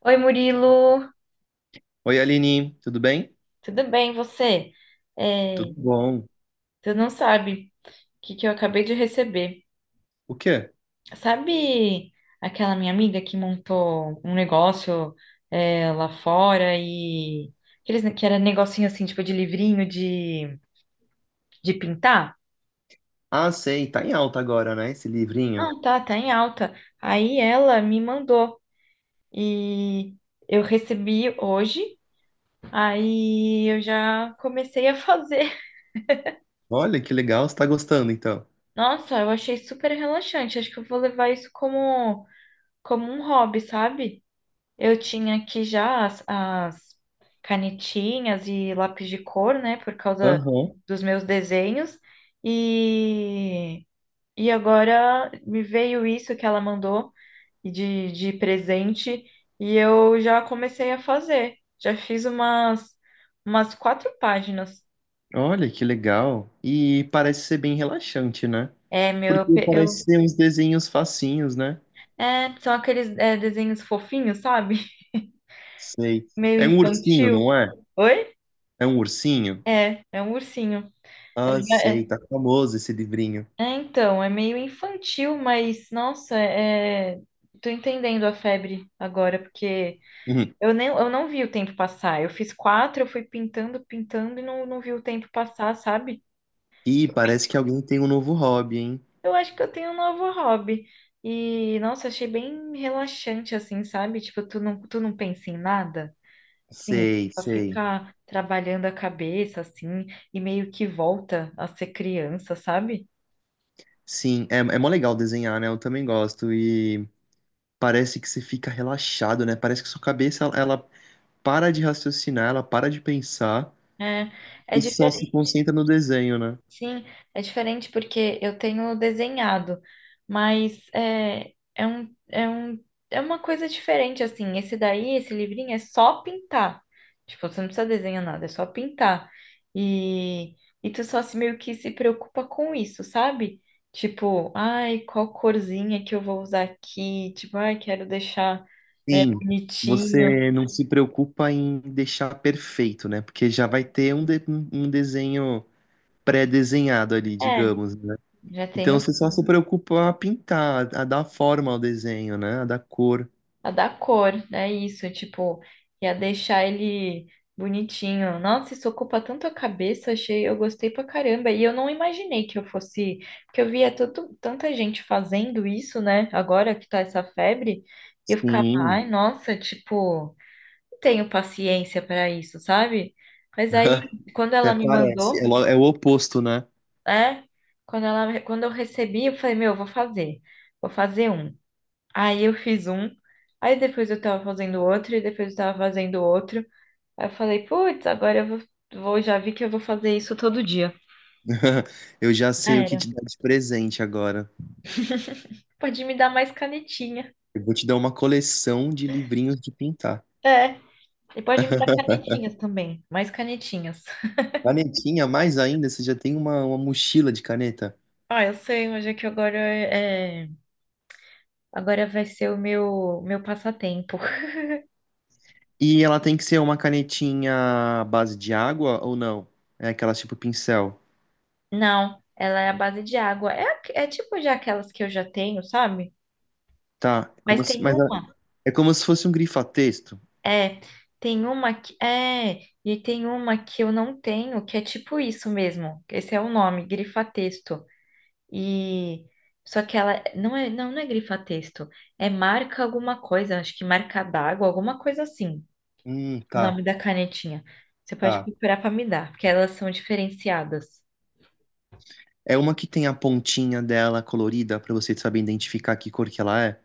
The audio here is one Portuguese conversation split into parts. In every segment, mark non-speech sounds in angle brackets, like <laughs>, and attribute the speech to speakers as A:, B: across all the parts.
A: Oi, Murilo,
B: Oi, Aline, tudo bem?
A: tudo bem, você? É,
B: Tudo bom.
A: Tu não sabe o que eu acabei de receber.
B: O quê?
A: Sabe aquela minha amiga que montou um negócio lá fora e que era negocinho assim, tipo de livrinho de pintar?
B: Ah, sei, tá em alta agora, né, esse
A: Ah,
B: livrinho.
A: tá, tá em alta. Aí ela me mandou e eu recebi hoje, aí eu já comecei a fazer.
B: Olha que legal, você tá gostando então.
A: <laughs> Nossa, eu achei super relaxante. Acho que eu vou levar isso como um hobby, sabe? Eu tinha aqui já as canetinhas e lápis de cor, né, por causa
B: Aham.
A: dos meus desenhos. E, e agora me veio isso que ela mandou de presente e eu já comecei a fazer. Já fiz umas quatro páginas.
B: Olha que legal. E parece ser bem relaxante, né?
A: É, meu, eu,
B: Porque
A: pe- eu-
B: parece ser uns desenhos facinhos, né?
A: é, são aqueles, desenhos fofinhos, sabe? <laughs>
B: Sei.
A: Meio
B: É um ursinho,
A: infantil.
B: não é?
A: Oi?
B: É um ursinho?
A: É, é um ursinho.
B: Ah,
A: É,
B: sei,
A: é,
B: tá famoso esse livrinho.
A: É, então, é meio infantil, mas nossa, tô entendendo a febre agora, porque
B: Uhum.
A: eu não vi o tempo passar. Eu fiz quatro, eu fui pintando, pintando e não vi o tempo passar, sabe?
B: E parece que alguém tem um novo hobby, hein?
A: Eu acho que eu tenho um novo hobby. E, nossa, achei bem relaxante, assim, sabe? Tipo, tu não pensa em nada, assim,
B: Sei,
A: só
B: sei.
A: fica trabalhando a cabeça, assim, e meio que volta a ser criança, sabe?
B: Sim, é, é mó legal desenhar, né? Eu também gosto. E parece que você fica relaxado, né? Parece que sua cabeça ela para de raciocinar, ela para de pensar
A: É, é
B: e só se
A: diferente.
B: concentra no desenho, né?
A: Sim, é diferente porque eu tenho desenhado, mas é uma coisa diferente, assim. Esse livrinho, é só pintar. Tipo, você não precisa desenhar nada, é só pintar. E, e tu só se, meio que se preocupa com isso, sabe? Tipo, ai, qual corzinha que eu vou usar aqui? Tipo, ai, quero deixar
B: Sim,
A: bonitinho.
B: você não se preocupa em deixar perfeito, né? Porque já vai ter um desenho pré-desenhado ali,
A: É,
B: digamos, né?
A: já tem.
B: Então você só se preocupa a pintar, a dar forma ao desenho, né? A dar cor.
A: A dar cor, é isso, tipo, ia deixar ele bonitinho. Nossa, isso ocupa tanto a cabeça, achei, eu gostei pra caramba. E eu não imaginei que eu fosse, porque eu via tanta gente fazendo isso, né? Agora que tá essa febre, e eu ficava,
B: Sim,
A: ai, nossa, tipo, não tenho paciência pra isso, sabe? Mas aí,
B: <laughs>
A: quando
B: até
A: ela me
B: parece. É
A: mandou,
B: é o oposto, né?
A: é, quando eu recebi, eu falei, meu, eu vou fazer. Vou fazer um. Aí eu fiz um, aí depois eu tava fazendo outro, e depois eu tava fazendo outro. Aí eu falei, putz, agora eu vou, vou- já vi que eu vou fazer isso todo dia.
B: <laughs> Eu já
A: Já
B: sei o que
A: era.
B: te dar de presente agora.
A: Pode me dar mais canetinha.
B: Eu vou te dar uma coleção de livrinhos de pintar.
A: É. E pode me dar
B: <laughs>
A: canetinhas também. Mais canetinhas.
B: Canetinha, mais ainda, você já tem uma mochila de caneta.
A: Ah, eu sei, mas é que agora é... Agora vai ser o meu passatempo. <laughs>
B: E ela tem que ser uma canetinha à base de água ou não? É aquela tipo pincel.
A: Não, ela é a base de água. É tipo já aquelas que eu já tenho, sabe?
B: Tá, é
A: Mas
B: como se,
A: tem uma.
B: é como se fosse um grifa-texto.
A: É, tem uma que é, e tem uma que eu não tenho, que é tipo isso mesmo. Esse é o nome, grifa-texto. E só que ela não é grifa-texto, é marca alguma coisa, acho que marca d'água, alguma coisa assim. O
B: Tá,
A: nome da canetinha. Você pode
B: tá.
A: procurar para me dar, porque elas são diferenciadas.
B: É uma que tem a pontinha dela colorida pra você saber identificar que cor que ela é.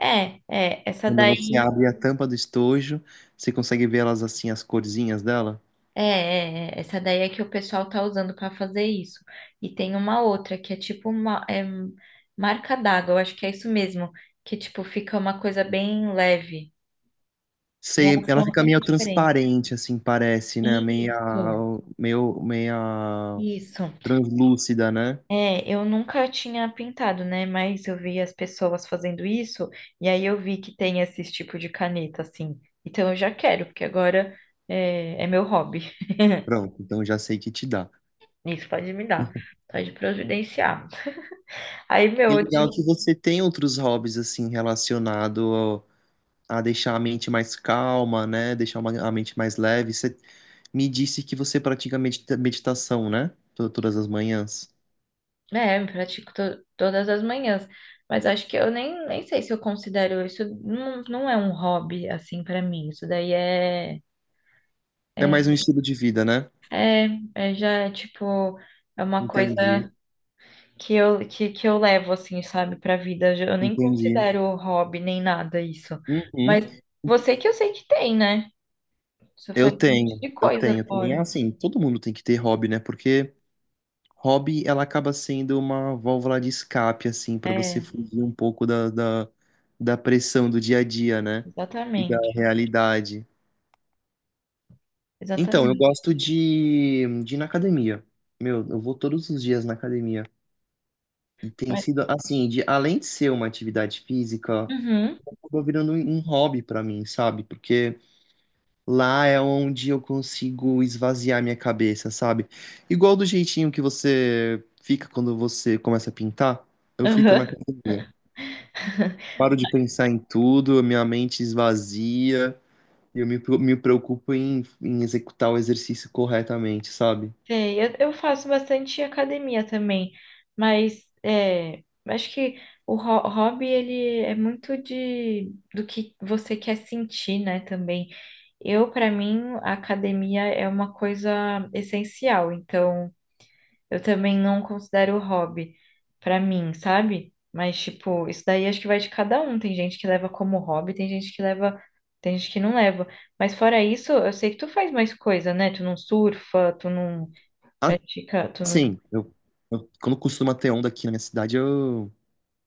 A: É, é, essa
B: Quando
A: daí
B: você abre a tampa do estojo, você consegue ver elas assim, as corzinhas dela?
A: É, essa daí é que o pessoal tá usando para fazer isso. E tem uma outra que é tipo uma marca d'água, eu acho que é isso mesmo, que tipo fica uma coisa bem leve.
B: Sei,
A: Elas
B: ela
A: são
B: fica
A: até
B: meio
A: meio diferentes.
B: transparente, assim, parece, né?
A: Isso,
B: Meia
A: isso.
B: translúcida, né?
A: É, eu nunca tinha pintado, né? Mas eu vi as pessoas fazendo isso e aí eu vi que tem esse tipo de caneta assim. Então eu já quero, porque agora é meu hobby.
B: Pronto, então já sei que te dá.
A: Isso pode me dar, pode providenciar. Aí,
B: E
A: meu, eu.
B: legal que você tem outros hobbies, assim, a deixar a mente mais calma, né? Deixar a mente mais leve. Você me disse que você pratica meditação, né? Todas as manhãs.
A: É, eu pratico todas as manhãs, mas acho que eu nem sei se eu considero isso, não é um hobby assim pra mim, isso daí é,
B: É
A: é,
B: mais um estilo de vida, né?
A: é, é já é, tipo, é uma
B: Entendi,
A: coisa que eu levo assim, sabe, pra vida, eu nem
B: entendi.
A: considero hobby nem nada isso, mas
B: Uhum.
A: você que eu sei que tem, né? Você faz um monte de
B: Eu
A: coisa
B: tenho também. É
A: fora.
B: assim, todo mundo tem que ter hobby, né? Porque hobby, ela acaba sendo uma válvula de escape, assim, para você
A: É,
B: fugir um pouco da pressão do dia a dia, né? E da
A: exatamente,
B: realidade. Então, eu
A: exatamente.
B: gosto de ir na academia. Meu, eu vou todos os dias na academia. E tem
A: Mas,
B: sido, assim, de, além de ser uma atividade física,
A: uhum,
B: acabou virando um hobby para mim, sabe? Porque lá é onde eu consigo esvaziar minha cabeça, sabe? Igual do jeitinho que você fica quando você começa a pintar, eu fico na
A: uhum.
B: academia.
A: <laughs>
B: Paro de pensar em tudo, minha mente esvazia, e eu me preocupo em executar o exercício corretamente, sabe?
A: Sei, eu faço bastante academia também, mas é, acho que o hobby ele é muito de do que você quer sentir, né, também. Eu, para mim, a academia é uma coisa essencial, então eu também não considero hobby para mim, sabe? Mas tipo, isso daí acho que vai de cada um. Tem gente que leva como hobby, tem gente que leva, tem gente que não leva. Mas fora isso, eu sei que tu faz mais coisa, né? Tu não surfa, tu não. Pratica, tu não...
B: Assim, eu, quando costuma ter onda aqui na minha cidade,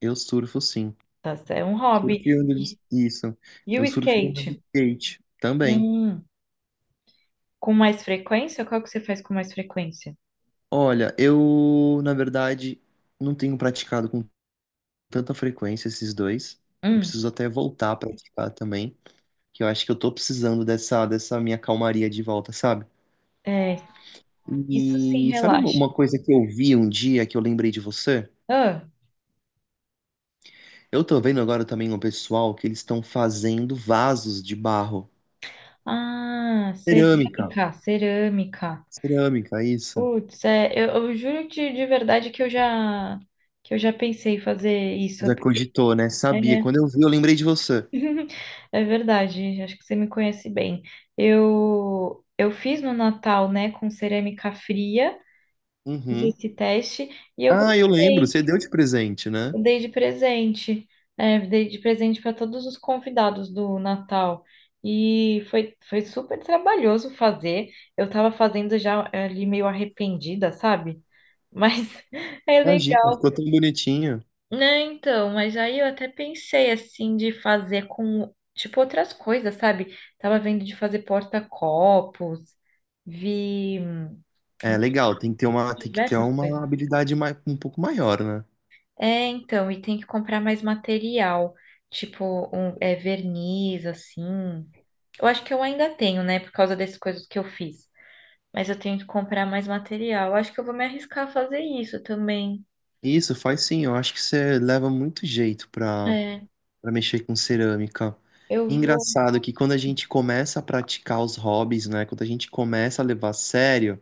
B: eu surfo sim.
A: Tá, é um
B: Surfo
A: hobby.
B: e isso.
A: E
B: Eu
A: o
B: surfo e ando
A: skate?
B: de skate também.
A: Hum, com mais frequência? Qual que você faz com mais frequência?
B: Olha, eu, na verdade, não tenho praticado com tanta frequência esses dois. Eu
A: Hum,
B: preciso até voltar a praticar também, que eu acho que eu tô precisando dessa minha calmaria de volta, sabe?
A: é, isso sim
B: E sabe
A: relaxa.
B: uma coisa que eu vi um dia que eu lembrei de você?
A: Ah,
B: Eu tô vendo agora também um pessoal que eles estão fazendo vasos de barro.
A: ah,
B: Cerâmica.
A: cerâmica, cerâmica.
B: Cerâmica, isso.
A: Putz, é, eu juro de verdade que eu já pensei em fazer isso,
B: Já
A: porque
B: cogitou, né?
A: é.
B: Sabia. Quando eu vi, eu lembrei de você.
A: <laughs> É verdade, acho que você me conhece bem. Eu fiz no Natal, né, com cerâmica fria, fiz
B: Uhum.
A: esse teste e eu
B: Ah, eu lembro.
A: gostei.
B: Você deu de presente, né?
A: Eu dei de presente, é, dei de presente para todos os convidados do Natal. E foi super trabalhoso fazer. Eu estava fazendo já ali meio arrependida, sabe? Mas <laughs> é
B: Imagina,
A: legal.
B: ficou tão bonitinho.
A: Né, então, mas aí eu até pensei assim de fazer com tipo outras coisas, sabe? Tava vendo de fazer porta-copos, vi
B: É legal, tem que ter uma, tem que ter
A: diversas
B: uma
A: coisas.
B: habilidade um pouco maior, né?
A: É, então, e tem que comprar mais material, tipo é, verniz, assim. Eu acho que eu ainda tenho, né, por causa dessas coisas que eu fiz. Mas eu tenho que comprar mais material. Eu acho que eu vou me arriscar a fazer isso também.
B: Isso, faz sim. Eu acho que você leva muito jeito
A: É,
B: pra mexer com cerâmica.
A: eu vou.
B: Engraçado que quando a gente começa a praticar os hobbies, né? Quando a gente começa a levar a sério,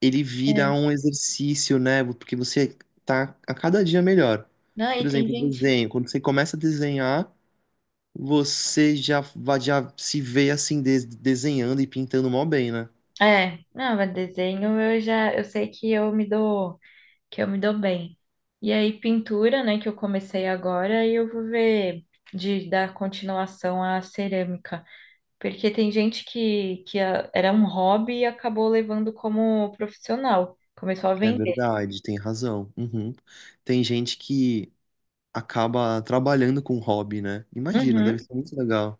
B: ele vira
A: É.
B: um exercício, né? Porque você tá a cada dia melhor.
A: Não, e
B: Por
A: tem
B: exemplo,
A: gente.
B: desenho. Quando você começa a desenhar, você já, já se vê assim, desenhando e pintando mó bem, né?
A: É, não, mas desenho eu já, eu sei que eu me dou, que eu me dou bem. E aí pintura, né, que eu comecei agora, e eu vou ver de dar continuação à cerâmica. Porque tem gente que ah, era um hobby e acabou levando como profissional, começou a
B: É
A: vender.
B: verdade, tem razão. Uhum. Tem gente que acaba trabalhando com hobby, né? Imagina, deve
A: Uhum.
B: ser muito legal.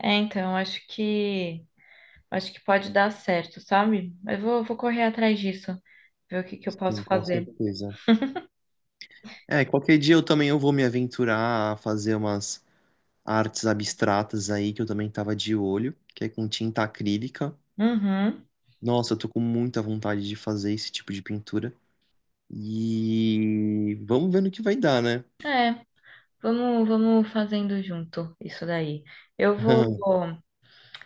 A: É, então, acho que pode dar certo, sabe? Vou correr atrás disso, ver o que que eu
B: Sim,
A: posso
B: com
A: fazer.
B: certeza. É, qualquer dia eu também eu vou me aventurar a fazer umas artes abstratas aí que eu também tava de olho, que é com tinta acrílica.
A: Uhum.
B: Nossa, eu tô com muita vontade de fazer esse tipo de pintura. E vamos ver no que vai dar, né?
A: É, vamos fazendo junto isso daí. Eu vou,
B: <laughs>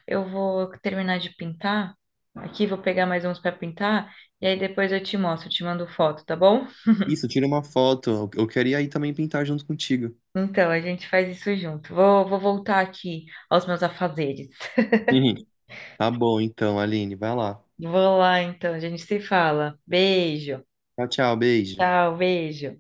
A: eu vou terminar de pintar aqui, vou pegar mais uns para pintar, e aí depois eu te mostro, te mando foto, tá bom?
B: Isso, tira uma foto. Eu queria aí também pintar junto contigo.
A: Então, a gente faz isso junto. Vou voltar aqui aos meus afazeres. <laughs>
B: Uhum. Tá bom, então, Aline, vai lá.
A: Vou lá, então, a gente se fala. Beijo.
B: Tchau, tchau, beijo.
A: Tchau, beijo.